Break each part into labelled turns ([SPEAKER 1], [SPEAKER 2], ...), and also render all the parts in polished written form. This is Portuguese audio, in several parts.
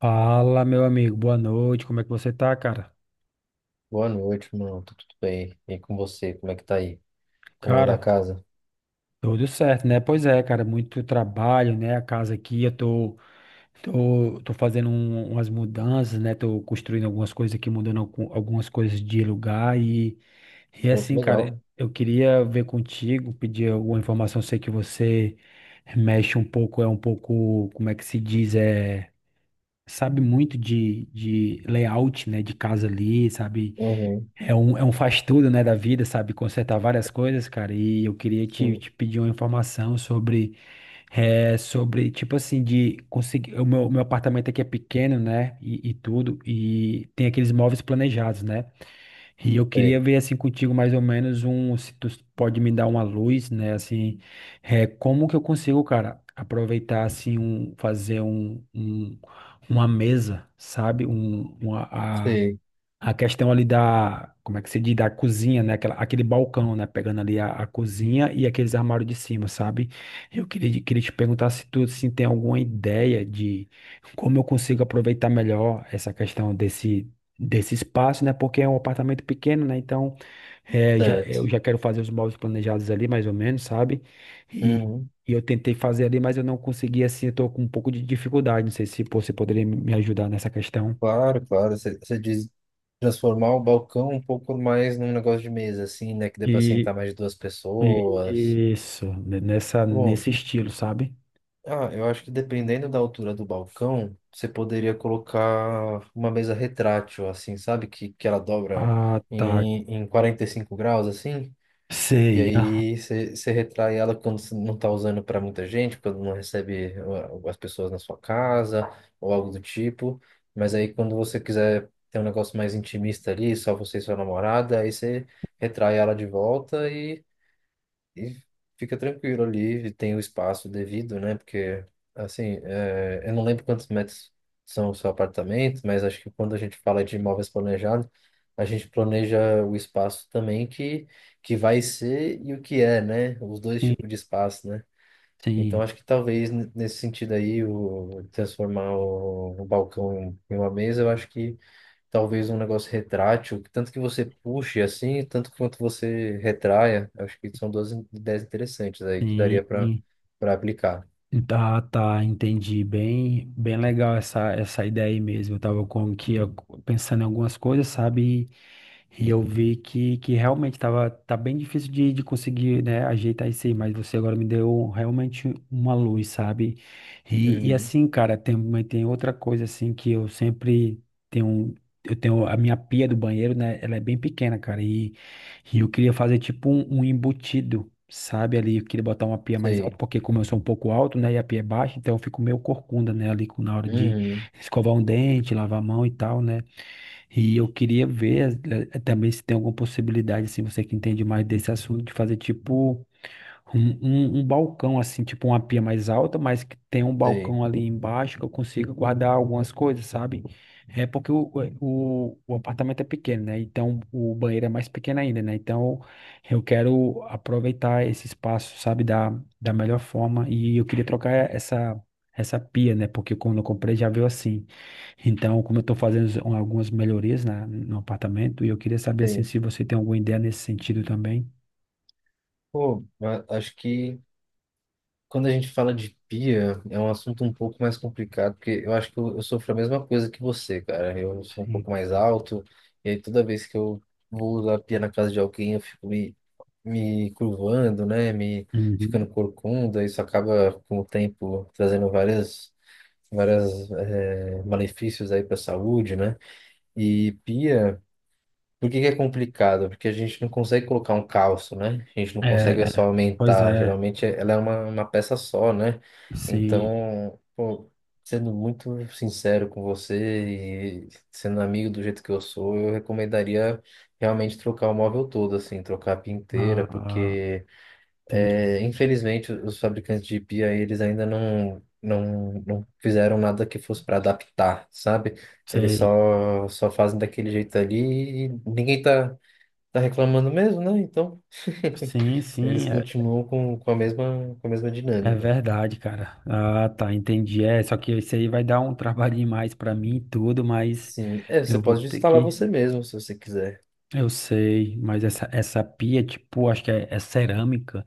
[SPEAKER 1] Fala, meu amigo, boa noite, como é que você tá, cara?
[SPEAKER 2] Boa noite, mano. Tá tudo bem? E com você? Como é que tá aí? Como anda a
[SPEAKER 1] Cara,
[SPEAKER 2] casa?
[SPEAKER 1] tudo certo, né? Pois é, cara, muito trabalho, né? A casa aqui, eu tô fazendo umas mudanças, né? Tô construindo algumas coisas aqui, mudando algumas coisas de lugar e
[SPEAKER 2] Pô, que
[SPEAKER 1] assim, cara,
[SPEAKER 2] legal.
[SPEAKER 1] eu queria ver contigo, pedir alguma informação, sei que você mexe um pouco, é um pouco, como é que se diz, é, sabe muito de layout, né? De casa ali, sabe?
[SPEAKER 2] Uhum.
[SPEAKER 1] É um faz tudo, né, da vida, sabe? Consertar várias coisas, cara. E eu queria
[SPEAKER 2] Sim.
[SPEAKER 1] te pedir uma informação sobre, é, sobre, tipo assim, de conseguir. O meu apartamento aqui é pequeno, né? E tudo. E tem aqueles móveis planejados, né? E eu queria
[SPEAKER 2] Sei.
[SPEAKER 1] ver, assim, contigo mais ou menos um. Se tu pode me dar uma luz, né? Assim, é, como que eu consigo, cara, aproveitar, assim, um, fazer uma mesa, sabe?
[SPEAKER 2] Sei.
[SPEAKER 1] A questão ali da, como é que se diz, da cozinha, né? Aquela, aquele balcão, né? Pegando ali a cozinha e aqueles armários de cima, sabe? Eu queria te perguntar se tu se tem alguma ideia de como eu consigo aproveitar melhor essa questão desse, desse espaço, né? Porque é um apartamento pequeno, né? Então, é, já,
[SPEAKER 2] Certo.
[SPEAKER 1] eu já quero fazer os móveis planejados ali, mais ou menos, sabe? E,
[SPEAKER 2] Uhum.
[SPEAKER 1] e eu tentei fazer ali, mas eu não consegui, assim, eu tô com um pouco de dificuldade. Não sei se você poderia me ajudar nessa questão.
[SPEAKER 2] Claro, claro. Você diz transformar o balcão um pouco mais num negócio de mesa, assim, né? Que dê pra
[SPEAKER 1] E,
[SPEAKER 2] sentar mais de duas pessoas.
[SPEAKER 1] isso, nessa,
[SPEAKER 2] Bom,
[SPEAKER 1] nesse estilo, sabe?
[SPEAKER 2] eu acho que dependendo da altura do balcão, você poderia colocar uma mesa retrátil, assim, sabe? Que ela dobra
[SPEAKER 1] Ah, tá.
[SPEAKER 2] em 45 graus, assim. E
[SPEAKER 1] Sei.
[SPEAKER 2] aí você retrai ela quando você não está usando para muita gente, quando não recebe as pessoas na sua casa ou algo do tipo. Mas aí quando você quiser ter um negócio mais intimista ali, só você e sua namorada, aí você retrai ela de volta e e fica tranquilo ali, tem o espaço devido, né? Porque eu não lembro quantos metros são o seu apartamento, mas acho que quando a gente fala de imóveis planejados, a gente planeja o espaço também que vai ser e o que é, né? Os dois
[SPEAKER 1] Sim,
[SPEAKER 2] tipos de espaço, né? Então,
[SPEAKER 1] sim,
[SPEAKER 2] acho que talvez nesse sentido aí, o transformar o balcão em uma mesa, eu acho que talvez um negócio retrátil, que tanto que você puxe assim, tanto quanto você retraia. Eu acho que são duas ideias interessantes aí que daria para
[SPEAKER 1] sim.
[SPEAKER 2] aplicar.
[SPEAKER 1] Tá, tá, entendi. Bem, bem legal essa, essa ideia aí mesmo. Eu tava pensando em algumas coisas, sabe? E eu vi que realmente tava, tá bem difícil de conseguir, né, ajeitar isso aí, mas você agora me deu realmente uma luz, sabe? E
[SPEAKER 2] Uhum,
[SPEAKER 1] assim, cara, tem, mas tem outra coisa assim que eu sempre tenho. Eu tenho a minha pia do banheiro, né? Ela é bem pequena, cara. E eu queria fazer tipo um embutido, sabe? Ali eu queria botar uma pia mais alta,
[SPEAKER 2] sei.
[SPEAKER 1] porque como eu sou um pouco alto, né? E a pia é baixa, então eu fico meio corcunda, né? Ali na hora de
[SPEAKER 2] Uhum,
[SPEAKER 1] escovar um dente, lavar a mão e tal, né? E eu queria ver também se tem alguma possibilidade, assim, você que entende mais desse assunto, de fazer tipo. Um balcão, assim, tipo uma pia mais alta, mas que tem um
[SPEAKER 2] sei,
[SPEAKER 1] balcão ali embaixo que eu consigo guardar algumas coisas, sabe? É porque o, o apartamento é pequeno, né? Então o banheiro é mais pequeno ainda, né? Então eu quero aproveitar esse espaço, sabe, da, da melhor forma. E eu queria trocar essa, essa pia, né? Porque quando eu comprei já veio assim. Então, como eu tô fazendo algumas melhorias no apartamento, e eu queria saber, assim,
[SPEAKER 2] sei.
[SPEAKER 1] se você tem alguma ideia nesse sentido também.
[SPEAKER 2] Pô, mas acho que quando a gente fala de pia, é um assunto um pouco mais complicado, porque eu acho que eu sofro a mesma coisa que você, cara. Eu sou um
[SPEAKER 1] Sim.
[SPEAKER 2] pouco mais alto, e aí toda vez que eu vou usar a pia na casa de alguém, eu fico me curvando, né? Me ficando
[SPEAKER 1] Uhum.
[SPEAKER 2] corcunda. Isso acaba, com o tempo, trazendo várias, várias, eh, malefícios aí para a saúde, né? E pia. Por que que é complicado? Porque a gente não consegue colocar um calço, né? A gente não consegue é só
[SPEAKER 1] É, pois
[SPEAKER 2] aumentar.
[SPEAKER 1] é,
[SPEAKER 2] Geralmente é, ela é uma peça só, né?
[SPEAKER 1] sim,
[SPEAKER 2] Então, pô, sendo muito sincero com você e sendo amigo do jeito que eu sou, eu recomendaria realmente trocar o móvel todo, assim, trocar a pia inteira,
[SPEAKER 1] ah,
[SPEAKER 2] porque.
[SPEAKER 1] entendi,
[SPEAKER 2] É, infelizmente, os fabricantes de pia, eles ainda não fizeram nada que fosse para adaptar, sabe? Eles
[SPEAKER 1] sei,
[SPEAKER 2] só fazem daquele jeito ali e ninguém tá reclamando mesmo, né? Então,
[SPEAKER 1] sim,
[SPEAKER 2] eles
[SPEAKER 1] sim, é,
[SPEAKER 2] continuam com com a mesma
[SPEAKER 1] é
[SPEAKER 2] dinâmica.
[SPEAKER 1] verdade, cara, ah, tá, entendi, é, só que isso aí vai dar um trabalhinho mais pra mim e tudo, mas
[SPEAKER 2] Sim, é, você
[SPEAKER 1] eu vou
[SPEAKER 2] pode
[SPEAKER 1] ter
[SPEAKER 2] instalar
[SPEAKER 1] que,
[SPEAKER 2] você mesmo, se você quiser.
[SPEAKER 1] eu sei, mas essa pia, tipo, acho que é, é cerâmica,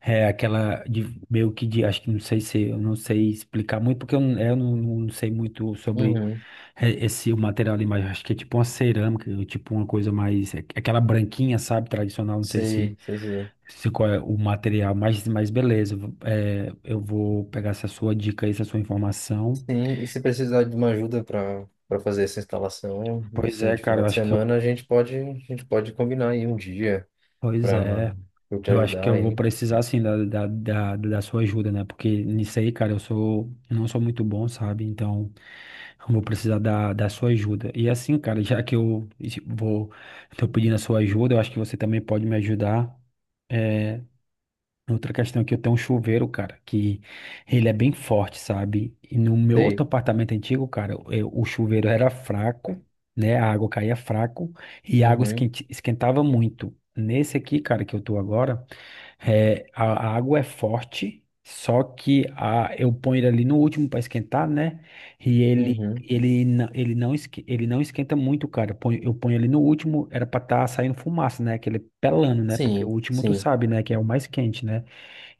[SPEAKER 1] é aquela de meio que de, acho que não sei se, eu não sei explicar muito, porque eu, eu não sei muito sobre
[SPEAKER 2] Uhum.
[SPEAKER 1] esse o material ali, mas acho que é tipo uma cerâmica, ou tipo uma coisa mais, é aquela branquinha, sabe, tradicional, não sei se,
[SPEAKER 2] Sei, sei, sei.
[SPEAKER 1] se qual é o material, mas beleza, eu vou pegar essa sua dica aí, essa sua informação.
[SPEAKER 2] Sim, e se precisar de uma ajuda para fazer essa instalação,
[SPEAKER 1] Pois
[SPEAKER 2] assim,
[SPEAKER 1] é,
[SPEAKER 2] de
[SPEAKER 1] cara,
[SPEAKER 2] final
[SPEAKER 1] eu
[SPEAKER 2] de
[SPEAKER 1] acho que eu
[SPEAKER 2] semana,
[SPEAKER 1] vou.
[SPEAKER 2] a gente pode combinar aí um dia
[SPEAKER 1] Pois
[SPEAKER 2] para
[SPEAKER 1] é.
[SPEAKER 2] eu te
[SPEAKER 1] Eu acho que
[SPEAKER 2] ajudar
[SPEAKER 1] eu vou
[SPEAKER 2] aí.
[SPEAKER 1] precisar sim da, da, da, da sua ajuda, né? Porque nisso aí, cara, eu sou, eu não sou muito bom, sabe? Então, eu vou precisar da, da sua ajuda. E assim, cara, já que vou, tô pedindo a sua ajuda, eu acho que você também pode me ajudar. Outra questão é que eu tenho um chuveiro, cara, que ele é bem forte, sabe? E no meu outro
[SPEAKER 2] Sei.
[SPEAKER 1] apartamento antigo, cara, o chuveiro era fraco, né? A água caía fraco e a água
[SPEAKER 2] Uhum,
[SPEAKER 1] esquentava muito. Nesse aqui, cara, que eu tô agora. É, a água é forte, só que a, eu ponho ele ali no último para esquentar, né? E
[SPEAKER 2] uhum.
[SPEAKER 1] ele não esquenta muito, cara. Eu ponho ele no último, era para estar saindo fumaça, né? Aquele pelando, né? Porque o
[SPEAKER 2] Sim,
[SPEAKER 1] último tu
[SPEAKER 2] sim,
[SPEAKER 1] sabe, né? Que é o mais quente, né?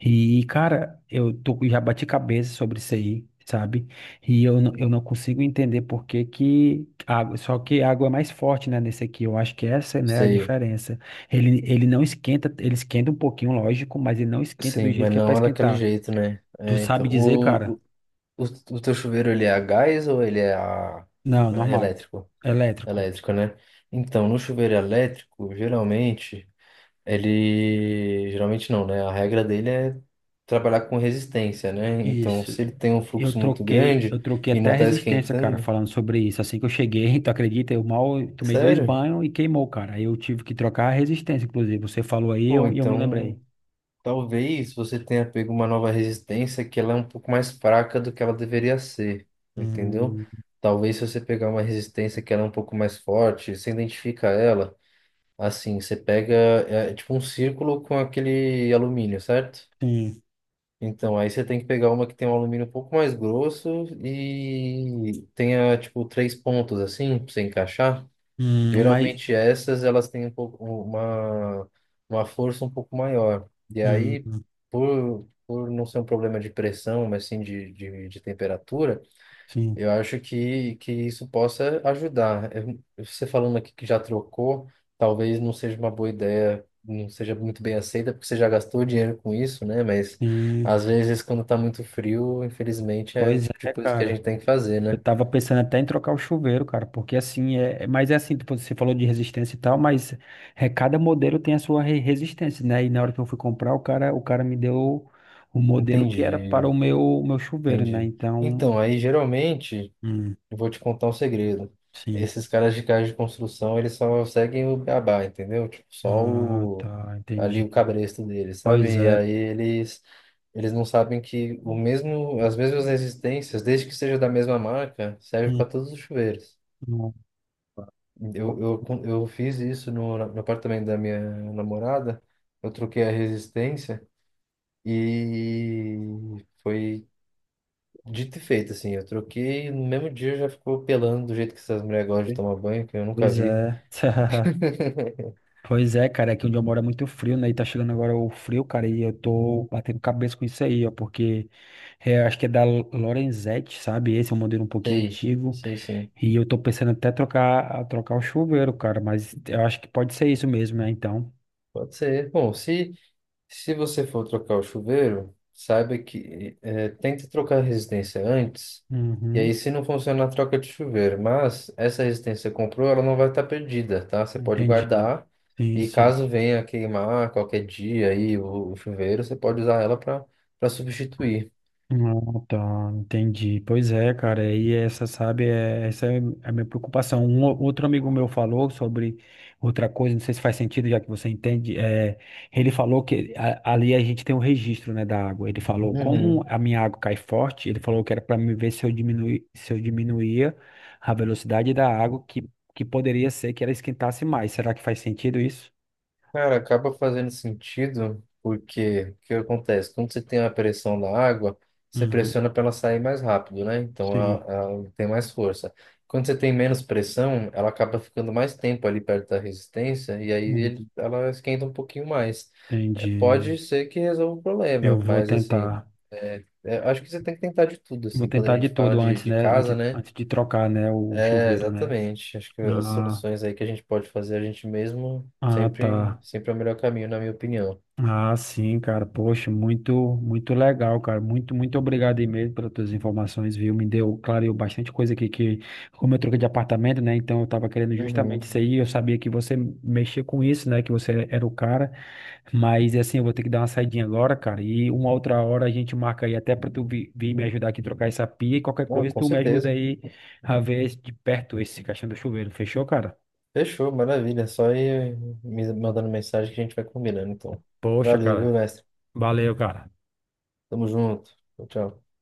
[SPEAKER 1] E, cara, eu tô, já bati cabeça sobre isso aí, sabe? E eu não consigo entender por que que água, só que a água é mais forte, né, nesse aqui. Eu acho que essa, né, é a
[SPEAKER 2] sei.
[SPEAKER 1] diferença. Ele não esquenta, ele esquenta um pouquinho, lógico, mas ele não esquenta do
[SPEAKER 2] Sim,
[SPEAKER 1] jeito
[SPEAKER 2] mas
[SPEAKER 1] que é pra
[SPEAKER 2] não é daquele
[SPEAKER 1] esquentar.
[SPEAKER 2] jeito, né?
[SPEAKER 1] Tu
[SPEAKER 2] É,
[SPEAKER 1] sabe
[SPEAKER 2] então,
[SPEAKER 1] dizer,
[SPEAKER 2] o,
[SPEAKER 1] cara?
[SPEAKER 2] o, o o teu chuveiro, ele é a gás ou ele é
[SPEAKER 1] Não,
[SPEAKER 2] a
[SPEAKER 1] normal.
[SPEAKER 2] elétrico?
[SPEAKER 1] Elétrico.
[SPEAKER 2] Elétrico, né? Então, no chuveiro elétrico, geralmente, geralmente não, né? A regra dele é trabalhar com resistência, né? Então,
[SPEAKER 1] Isso.
[SPEAKER 2] se ele tem um fluxo muito grande
[SPEAKER 1] Eu troquei
[SPEAKER 2] e
[SPEAKER 1] até a
[SPEAKER 2] não tá
[SPEAKER 1] resistência, cara,
[SPEAKER 2] esquentando...
[SPEAKER 1] falando sobre isso. Assim que eu cheguei, tu acredita? Eu mal tomei dois
[SPEAKER 2] Sério?
[SPEAKER 1] banhos e queimou, cara. Aí eu tive que trocar a resistência, inclusive. Você falou
[SPEAKER 2] Pô,
[SPEAKER 1] e eu, me lembrei.
[SPEAKER 2] então... Talvez você tenha pego uma nova resistência que ela é um pouco mais fraca do que ela deveria ser, entendeu?
[SPEAKER 1] Hum,
[SPEAKER 2] Talvez se você pegar uma resistência que ela é um pouco mais forte, você identifica ela, assim, você pega, é tipo um círculo com aquele alumínio, certo?
[SPEAKER 1] sim.
[SPEAKER 2] Então, aí você tem que pegar uma que tem um alumínio um pouco mais grosso e tenha, tipo, três pontos, assim, pra você encaixar.
[SPEAKER 1] Mas.
[SPEAKER 2] Geralmente essas elas têm uma força um pouco maior. E aí,
[SPEAKER 1] Hum,
[SPEAKER 2] por não ser um problema de pressão, mas sim de temperatura,
[SPEAKER 1] sim,
[SPEAKER 2] eu acho que isso possa ajudar. Você falando aqui que já trocou, talvez não seja uma boa ideia, não seja muito bem aceita, porque você já gastou dinheiro com isso, né? Mas
[SPEAKER 1] sim.
[SPEAKER 2] às vezes, quando está muito frio, infelizmente é o
[SPEAKER 1] Pois
[SPEAKER 2] tipo de
[SPEAKER 1] é,
[SPEAKER 2] coisa que a
[SPEAKER 1] cara.
[SPEAKER 2] gente tem que fazer,
[SPEAKER 1] Eu
[SPEAKER 2] né?
[SPEAKER 1] tava pensando até em trocar o chuveiro, cara, porque assim, mas é assim, tipo, você falou de resistência e tal, mas é, cada modelo tem a sua resistência, né? E na hora que eu fui comprar, o cara me deu o modelo que era para
[SPEAKER 2] Entendi,
[SPEAKER 1] o meu chuveiro, né?
[SPEAKER 2] entendi.
[SPEAKER 1] Então,
[SPEAKER 2] Então, aí geralmente.
[SPEAKER 1] hum,
[SPEAKER 2] Eu vou te contar um segredo.
[SPEAKER 1] sim.
[SPEAKER 2] Esses caras de casa de construção, eles só seguem o beabá, entendeu? Tipo,
[SPEAKER 1] Ah, tá,
[SPEAKER 2] ali
[SPEAKER 1] entendi.
[SPEAKER 2] o cabresto deles,
[SPEAKER 1] Pois
[SPEAKER 2] sabe? E
[SPEAKER 1] é.
[SPEAKER 2] aí eles não sabem que o mesmo, as mesmas resistências, desde que seja da mesma marca, serve
[SPEAKER 1] Hum,
[SPEAKER 2] para todos os chuveiros.
[SPEAKER 1] não,
[SPEAKER 2] Eu fiz isso no apartamento da minha namorada. Eu troquei a resistência e foi. Dito e feito, assim, eu troquei e no mesmo dia já ficou pelando do jeito que essas mulheres gostam de tomar banho, que eu nunca
[SPEAKER 1] pois
[SPEAKER 2] vi.
[SPEAKER 1] é. Pois é, cara, aqui onde eu moro é muito frio, né? E tá chegando agora o frio, cara, e eu tô batendo cabeça com isso aí, ó, porque é, acho que é da Lorenzetti, sabe? Esse é um modelo um pouquinho
[SPEAKER 2] Sei,
[SPEAKER 1] antigo,
[SPEAKER 2] sei sim.
[SPEAKER 1] e eu tô pensando até trocar o chuveiro, cara, mas eu acho que pode ser isso mesmo, né? Então,
[SPEAKER 2] Pode ser. Bom, se você for trocar o chuveiro, saiba que é, tente trocar a resistência antes, e aí
[SPEAKER 1] uhum,
[SPEAKER 2] se não funcionar, troca de chuveiro. Mas essa resistência que comprou, ela não vai estar perdida, tá? Você pode
[SPEAKER 1] entendi.
[SPEAKER 2] guardar,
[SPEAKER 1] Sim,
[SPEAKER 2] e
[SPEAKER 1] sim.
[SPEAKER 2] caso venha queimar qualquer dia aí o chuveiro, você pode usar ela para substituir.
[SPEAKER 1] Ah, tá, entendi. Pois é, cara, e essa, sabe, é, essa é a minha preocupação. Um outro amigo meu falou sobre outra coisa, não sei se faz sentido, já que você entende. É, ele falou que ali a gente tem um registro, né, da água. Ele falou como
[SPEAKER 2] Uhum.
[SPEAKER 1] a minha água cai forte, ele falou que era para me ver se eu se eu diminuía a velocidade da água, que poderia ser que ela esquentasse mais. Será que faz sentido isso?
[SPEAKER 2] Cara, acaba fazendo sentido, porque o que acontece? Quando você tem a pressão da água, você
[SPEAKER 1] Uhum,
[SPEAKER 2] pressiona para ela sair mais rápido, né? Então
[SPEAKER 1] sim.
[SPEAKER 2] ela tem mais força. Quando você tem menos pressão, ela acaba ficando mais tempo ali perto da resistência, e aí
[SPEAKER 1] Hum,
[SPEAKER 2] ela esquenta um pouquinho mais. É,
[SPEAKER 1] entendi.
[SPEAKER 2] pode ser que resolva o
[SPEAKER 1] Eu
[SPEAKER 2] problema,
[SPEAKER 1] vou
[SPEAKER 2] mas assim,
[SPEAKER 1] tentar.
[SPEAKER 2] é, acho que você tem que tentar de tudo,
[SPEAKER 1] Vou
[SPEAKER 2] assim, quando a
[SPEAKER 1] tentar de
[SPEAKER 2] gente fala
[SPEAKER 1] tudo antes,
[SPEAKER 2] de
[SPEAKER 1] né?
[SPEAKER 2] casa,
[SPEAKER 1] Antes,
[SPEAKER 2] né?
[SPEAKER 1] antes de trocar, né? O
[SPEAKER 2] É,
[SPEAKER 1] chuveiro, né?
[SPEAKER 2] exatamente. Acho que as
[SPEAKER 1] Ah,
[SPEAKER 2] soluções aí que a gente pode fazer a gente mesmo
[SPEAKER 1] ah,
[SPEAKER 2] sempre,
[SPEAKER 1] tá.
[SPEAKER 2] sempre é o melhor caminho, na minha opinião.
[SPEAKER 1] Ah, sim, cara. Poxa, muito, muito legal, cara. Muito, muito obrigado aí mesmo pelas tuas informações, viu? Me deu, clareou bastante coisa aqui que, como eu troquei de apartamento, né? Então eu tava querendo justamente
[SPEAKER 2] Uhum.
[SPEAKER 1] isso aí. Eu sabia que você mexia com isso, né? Que você era o cara. Mas assim, eu vou ter que dar uma saidinha agora, cara. E uma outra hora a gente marca aí até pra vir me ajudar aqui a trocar essa pia e qualquer
[SPEAKER 2] Ah,
[SPEAKER 1] coisa
[SPEAKER 2] com
[SPEAKER 1] tu me ajuda
[SPEAKER 2] certeza.
[SPEAKER 1] aí a ver de perto esse caixão do chuveiro. Fechou, cara?
[SPEAKER 2] Fechou, maravilha. Só ir me mandando mensagem que a gente vai combinando, então.
[SPEAKER 1] Poxa,
[SPEAKER 2] Valeu,
[SPEAKER 1] cara.
[SPEAKER 2] viu, mestre?
[SPEAKER 1] Valeu, cara.
[SPEAKER 2] Tamo junto. Tchau, tchau.